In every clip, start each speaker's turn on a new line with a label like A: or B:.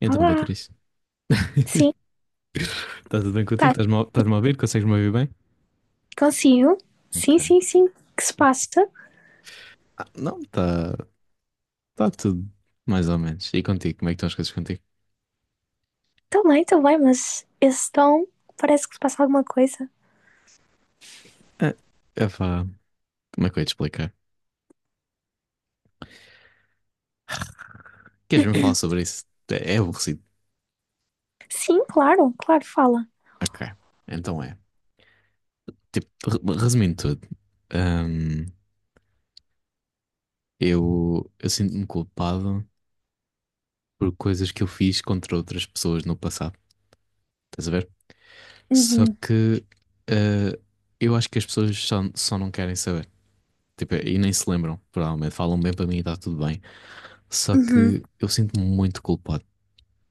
A: Então,
B: Olá,
A: Beatriz, está
B: sim,
A: tudo bem contigo?
B: tá,
A: Estás-me a ouvir? Consegues-me ouvir bem?
B: consigo. Sim,
A: Ok.
B: sim, sim, que se passa?
A: Ah, não, está tá tudo mais ou menos. E contigo, como é que estão as coisas contigo?
B: Também, também, mas esse tom parece que se passa alguma coisa.
A: Ah, epá, como é que eu ia te explicar? Queres mesmo falar sobre isso? É aborrecido.
B: Sim, claro, claro, fala.
A: Ok, então é. Tipo, resumindo tudo, hum, eu sinto-me culpado por coisas que eu fiz contra outras pessoas no passado. Estás a ver? Só
B: Uhum,
A: que ah, eu acho que as pessoas só não querem saber. Tipo, e nem se lembram, provavelmente. Falam bem para mim e está tudo bem. Só
B: uhum,
A: que eu sinto-me muito culpado.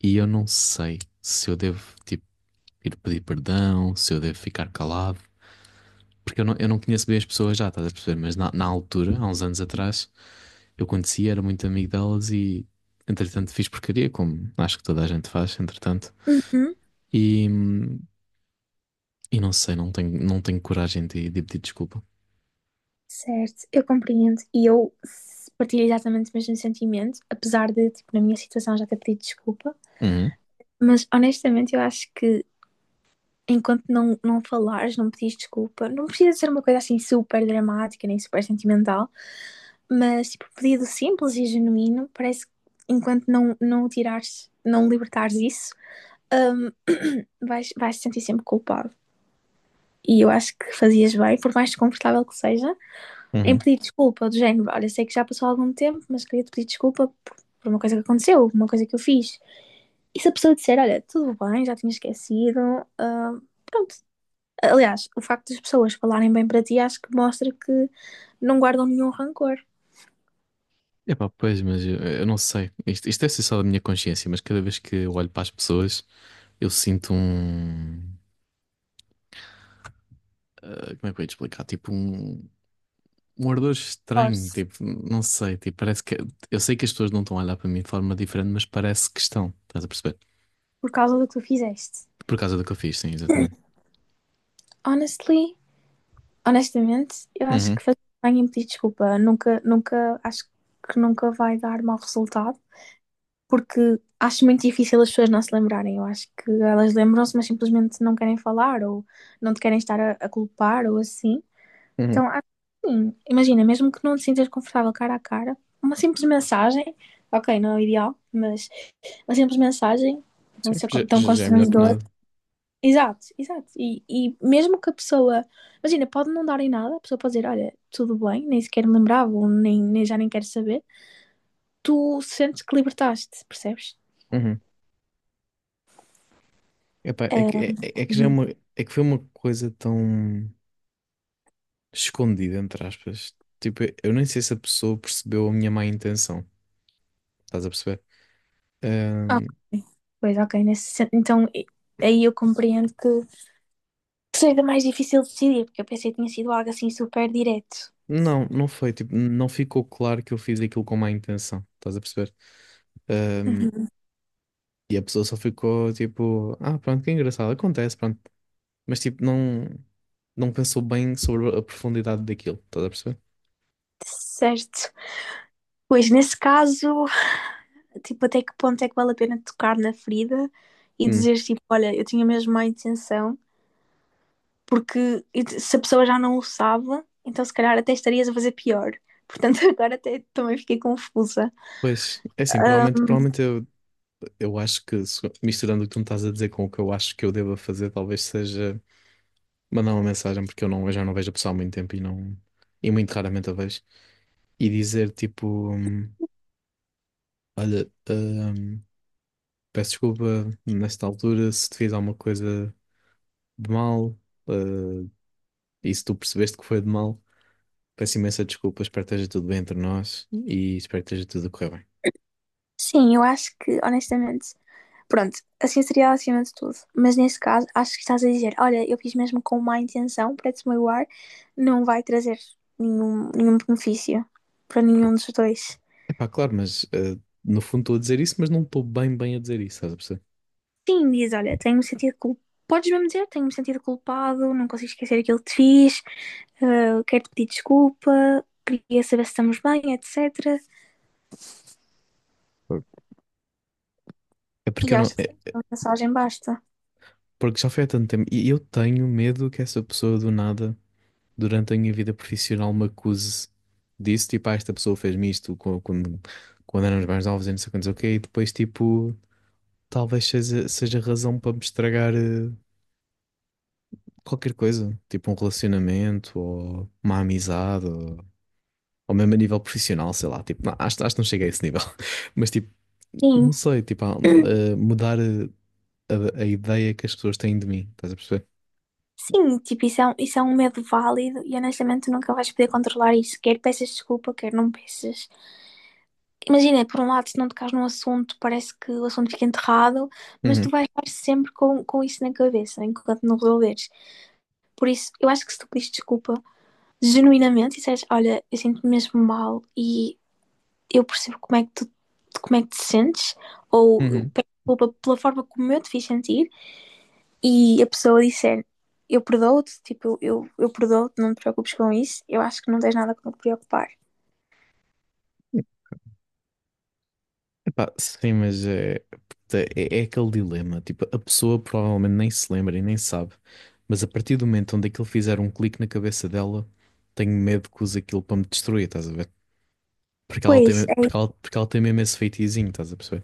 A: E eu não sei se eu devo, tipo, ir pedir perdão, se eu devo ficar calado. Porque eu não conheço bem as pessoas já, estás a perceber? Mas na altura, há uns anos atrás, eu conhecia, era muito amigo delas e, entretanto, fiz porcaria, como acho que toda a gente faz, entretanto.
B: uhum.
A: E, hum, e não sei, não tenho coragem de pedir desculpa.
B: Certo, eu compreendo. E eu partilho exatamente o mesmo sentimento, apesar de, tipo, na minha situação já ter pedido desculpa.
A: Uhum,
B: Mas honestamente, eu acho que enquanto não falares, não pedires desculpa, não precisa ser uma coisa assim super dramática nem super sentimental. Mas, tipo, pedido simples e genuíno, parece que enquanto não tirares, não libertares isso, hum, vais te sentir sempre culpado. E eu acho que fazias bem, por mais desconfortável que seja, em
A: uhum.
B: pedir desculpa do género. Olha, sei que já passou algum tempo, mas queria te pedir desculpa por uma coisa que aconteceu, uma coisa que eu fiz. E se a pessoa disser, olha, tudo bem, já tinha esquecido, pronto. Aliás, o facto das pessoas falarem bem para ti acho que mostra que não guardam nenhum rancor
A: Epá, pois, mas eu não sei. Isto deve ser só da minha consciência, mas cada vez que eu olho para as pessoas, eu sinto um. Ah, como é que eu ia te explicar? Tipo, um ardor estranho. Tipo, não sei. Tipo, parece que. Eu sei que as pessoas não estão a olhar para mim de forma diferente, mas parece que estão. Estás a perceber?
B: por causa do que tu fizeste.
A: Por causa do que eu fiz, sim, exatamente.
B: Honestly, honestamente, eu acho
A: Uhum,
B: que fazer bem em pedir desculpa nunca, nunca, acho que nunca vai dar mau resultado, porque acho muito difícil as pessoas não se lembrarem. Eu acho que elas lembram-se, mas simplesmente não querem falar ou não te querem estar a culpar ou assim.
A: uhum.
B: Então, acho que sim, imagina, mesmo que não te sintas confortável cara a cara, uma simples mensagem, ok, não é o ideal, mas uma simples mensagem, não
A: Sim,
B: ser
A: já,
B: tão
A: já já é melhor que
B: constrangedora.
A: nada.
B: Exato, exato. E mesmo que a pessoa, imagina, pode não dar em nada, a pessoa pode dizer, olha, tudo bem, nem sequer me lembrava, ou nem já nem quero saber, tu sentes que libertaste, percebes?
A: Uhum. Epá, é
B: Ah,
A: que, é que já é
B: uhum.
A: uma. É que foi uma coisa tão escondida, entre aspas. Tipo, eu nem sei se a pessoa percebeu a minha má intenção. Estás a perceber?
B: Ok.
A: Ahm,
B: Pois, ok, então aí eu compreendo que seja mais difícil decidir, porque eu pensei que tinha sido algo assim super direto.
A: não, não foi. Tipo, não ficou claro que eu fiz aquilo com má intenção. Estás a perceber? Ahm,
B: Uhum.
A: e a pessoa só ficou tipo, ah, pronto, que engraçado, acontece, pronto. Mas tipo, não, não pensou bem sobre a profundidade daquilo. Estás a perceber?
B: Certo. Pois, nesse caso, tipo, até que ponto é que vale a pena tocar na ferida e
A: Hum,
B: dizer, tipo, olha, eu tinha mesmo má intenção. Porque se a pessoa já não o sabe, então se calhar até estarias a fazer pior. Portanto, agora até também fiquei confusa.
A: Pois, é assim, provavelmente eu acho que misturando o que tu me estás a dizer com o que eu acho que eu deva fazer, talvez seja mandar uma mensagem, porque eu já não vejo a pessoa há muito tempo e não, e muito raramente a vejo, e dizer tipo, olha, peço desculpa nesta altura se te fiz alguma coisa de mal, eh, e se tu percebeste que foi de mal. Peço imensa desculpa, espero que esteja tudo bem entre nós e espero que esteja tudo a correr bem.
B: Sim, eu acho que, honestamente. Pronto, assim seria acima de tudo. Mas nesse caso, acho que estás a dizer: olha, eu fiz mesmo com má intenção para desmoiar, não vai trazer nenhum benefício para nenhum dos dois.
A: Epá, claro, mas no fundo estou a dizer isso, mas não estou bem bem a dizer isso, estás a perceber?
B: Sim, diz: olha, tenho-me sentido culpado. Podes mesmo dizer: tenho-me sentido culpado, não consigo esquecer aquilo que te fiz, quero-te pedir desculpa, queria saber se estamos bem, etc.
A: Por- É porque
B: E
A: eu não,
B: acho que sim,
A: é
B: uma mensagem basta.
A: porque já foi há tanto tempo e eu tenho medo que essa pessoa do nada, durante a minha vida profissional, me acuse disso, tipo, ah, esta pessoa fez-me isto quando éramos mais novos e não sei quantos, ok, e depois tipo. Talvez seja razão para me estragar qualquer coisa, tipo um relacionamento ou uma amizade, ou mesmo a nível profissional, sei lá. Tipo, não, acho que não cheguei a esse nível, mas tipo, não
B: Sim.
A: sei, tipo, mudar a ideia que as pessoas têm de mim, estás a perceber?
B: Sim, tipo, isso é um medo válido e honestamente tu nunca vais poder controlar isso. Quer peças desculpa, quer não peças. Imagina, por um lado, se não tocares num assunto, parece que o assunto fica enterrado, mas tu
A: Uhum,
B: vais estar sempre com isso na cabeça enquanto não resolveres. Por isso, eu acho que se tu pedires desculpa genuinamente e disseres, olha, eu sinto-me mesmo mal e eu percebo como é que te sentes, ou eu
A: uhum.
B: peço desculpa pela forma como eu te fiz sentir. E a pessoa disser eu perdoo-te, tipo, eu perdoo-te, não te preocupes com isso, eu acho que não tens nada com que te preocupar.
A: Epá, sim, mas é, puta, é aquele dilema. Tipo, a pessoa provavelmente nem se lembra e nem sabe, mas a partir do momento onde aquilo fizer um clique na cabeça dela, tenho medo que use aquilo para me destruir, estás a ver? Porque ela tem,
B: Pois,
A: me-
B: é,
A: porque ela, porque ela tem mesmo esse feitiozinho, estás a perceber?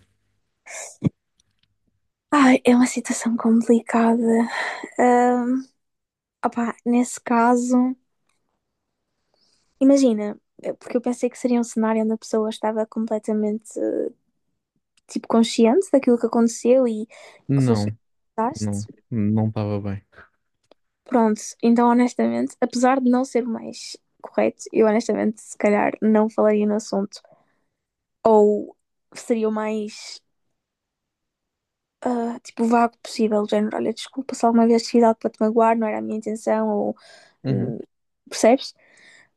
B: ai, é uma situação complicada. Ahm, opá, nesse caso, imagina, porque eu pensei que seria um cenário onde a pessoa estava completamente, tipo, consciente daquilo que aconteceu e que foste
A: Não, não,
B: daste.
A: não estava bem.
B: Pronto, então honestamente, apesar de não ser mais correto, eu honestamente, se calhar, não falaria no assunto. Ou seria o mais tipo vago possível, do género, olha, desculpa se alguma vez fiz algo para te magoar, não era a minha intenção, ou
A: Uhum.
B: hum, percebes?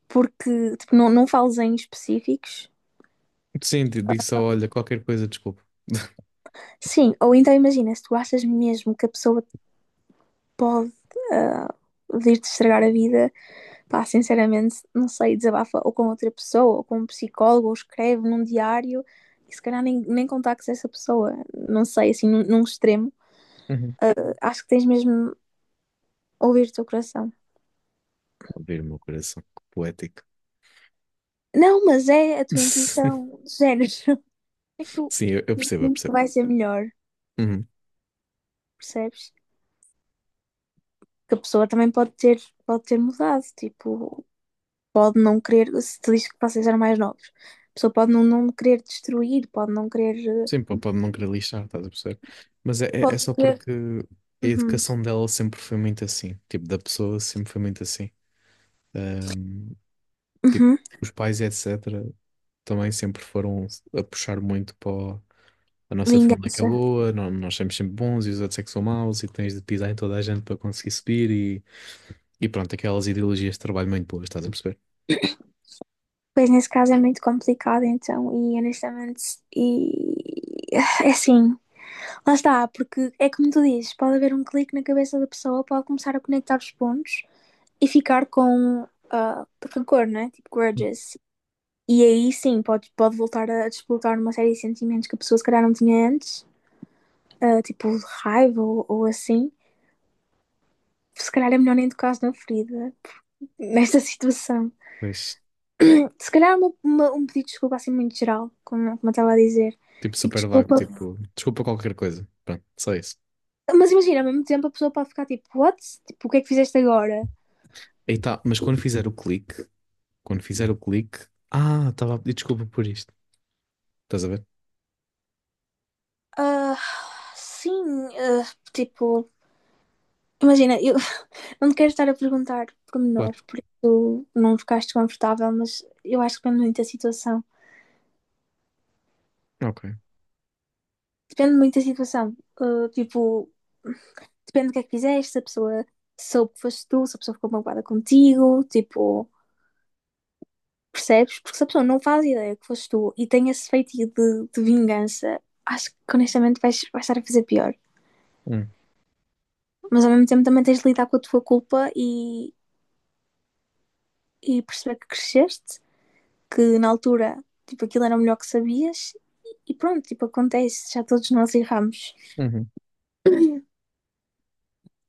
B: Porque tipo, não fales em específicos.
A: Sim, disse só, olha, qualquer coisa, desculpa.
B: Sim, ou então imagina, se tu achas mesmo que a pessoa pode ah, vir-te estragar a vida, pá, sinceramente, não sei, desabafa ou com outra pessoa, ou com um psicólogo, ou escreve num diário. E se calhar nem contactes essa pessoa, não sei, assim, num extremo.
A: Uhum.
B: Acho que tens mesmo ouvir o teu coração.
A: Abrir o meu coração, que poético.
B: Não, mas é a tua intuição, de género. É que eu
A: Sim, eu
B: eu
A: percebo, eu
B: sinto que
A: percebo.
B: vai ser melhor,
A: Uhum.
B: percebes? Que a pessoa também pode ter mudado, tipo, pode não querer, se te diz que vocês eram mais novos, a pessoa pode não querer destruir, pode não querer.
A: Sim, pô, pode não querer lixar, estás a perceber? Mas é, é
B: Pode
A: só
B: querer.
A: porque a
B: Uhum,
A: educação dela sempre foi muito assim. Tipo, da pessoa sempre foi muito assim. Ahm, tipo,
B: uhum,
A: os pais, etc., também sempre foram a puxar muito para a nossa família é que é
B: vingança.
A: boa, nós somos sempre bons e os outros é que são maus e tens de pisar em toda a gente para conseguir subir e pronto, aquelas ideologias de trabalho muito boas, estás a perceber?
B: Pois nesse caso é muito complicado, então, e honestamente, e é assim, lá está, porque é como tu dizes, pode haver um clique na cabeça da pessoa, pode começar a conectar os pontos e ficar com rancor, né? Tipo, grudges. E aí sim, pode voltar a desbloquear uma série de sentimentos que a pessoa se calhar não tinha antes, tipo raiva ou assim. Se calhar é melhor nem tocar na ferida, nesta situação.
A: Mas,
B: Se calhar um pedido de desculpa assim muito geral, como eu estava a dizer.
A: tipo,
B: Tipo,
A: super vago,
B: desculpa.
A: tipo, desculpa qualquer coisa. Pronto, só isso.
B: Mas imagina, ao mesmo tempo a pessoa pode ficar tipo, what? Tipo, o que é que fizeste agora?
A: E tá, mas quando fizer o clique, quando fizer o clique, ah, estava a pedir desculpa por isto. Estás a ver?
B: Ah, sim, ah, tipo, imagina. Não te quero estar a perguntar
A: Claro.
B: pormenores, por isso não ficaste confortável, mas eu acho que depende muito da situação.
A: Ok.
B: Depende muito da situação. Tipo, depende do que é que fizeste, se a pessoa soube que foste tu, se a pessoa ficou magoada contigo, tipo, percebes? Porque se a pessoa não faz ideia que foste tu e tem esse feitiço de vingança, acho que honestamente vais estar a fazer pior.
A: Hum.
B: Mas ao mesmo tempo também tens de lidar com a tua culpa e perceber que cresceste que na altura, tipo, aquilo era o melhor que sabias e pronto, tipo, acontece, já todos nós erramos.
A: Uhum.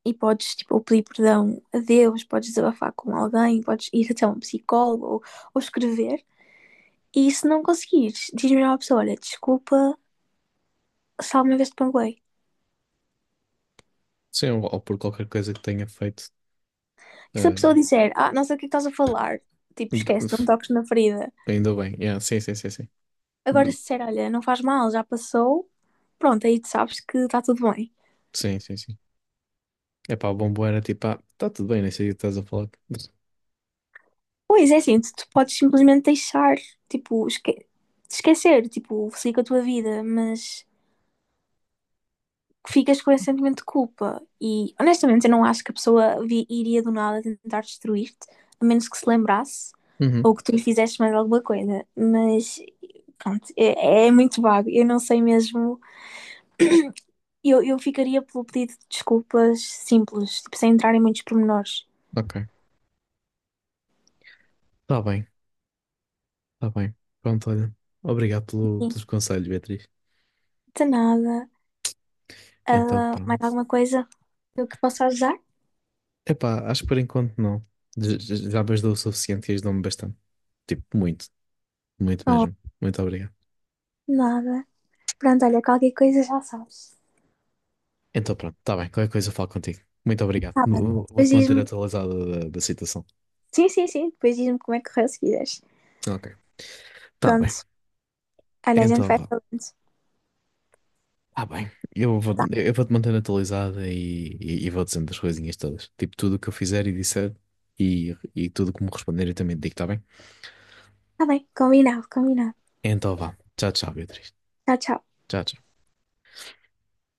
B: E podes, tipo, pedir perdão a Deus, podes desabafar com alguém, podes ir até um psicólogo ou escrever. E se não conseguires, diz-me à pessoa, olha, desculpa, só uma vez te panguei.
A: Sim, ou por qualquer coisa que tenha feito.
B: E se a
A: ah,
B: pessoa disser, ah, não sei o que é estás a falar, tipo, esquece,
A: gra-
B: não toques na ferida.
A: ainda bem. Yeah, sim, sim, sim, sim.
B: Agora
A: De-
B: se disser, olha, não faz mal, já passou, pronto, aí tu sabes que está tudo bem.
A: Sim, sim, sim. Epá, o bombom era tipo, ah, tá tudo bem, nem sei o que estás a falar.
B: Pois é, assim, tu podes simplesmente deixar, tipo, esquecer, tipo, siga a tua vida, mas ficas com esse sentimento de culpa. E honestamente, eu não acho que a pessoa iria do nada tentar destruir-te, a menos que se lembrasse
A: Uhum,
B: ou que tu lhe fizeste mais alguma coisa. Mas pronto, é muito vago. Eu não sei mesmo. Eu ficaria pelo pedido de desculpas simples, tipo, sem entrar em muitos pormenores.
A: ok. Tá bem, tá bem. Pronto, olha. Obrigado
B: Sim,
A: pelos conselhos, Beatriz.
B: de nada.
A: Então,
B: Ah, mais
A: pronto.
B: alguma coisa que eu que possa ajudar?
A: Epá, acho que por enquanto não. Já me ajudou o suficiente e ajudou-me bastante. Tipo, muito, muito
B: Oh,
A: mesmo. Muito obrigado.
B: nada. Pronto, olha, qualquer coisa já sabes.
A: Então, pronto, tá bem. Qualquer coisa eu falo contigo. Muito obrigado.
B: Tá bem. Depois
A: Vou-te manter
B: diz-me.
A: atualizado da situação.
B: Sim, sim, sim. Depois diz-me como é que correu se quiseres.
A: Ok. Tá bem.
B: Pronto. Olha, a gente
A: Então,
B: vai
A: vá.
B: falando.
A: Tá bem,
B: Tá,
A: eu vou-te manter atualizada e, e vou dizendo as coisinhas todas. Tipo, tudo o que eu fizer e disser e tudo como responder eu também te digo, tá bem?
B: tá bem. Combinado, combinado.
A: Então vá. Tchau, tchau, Beatriz.
B: Tchau, tchau.
A: Tchau, tchau.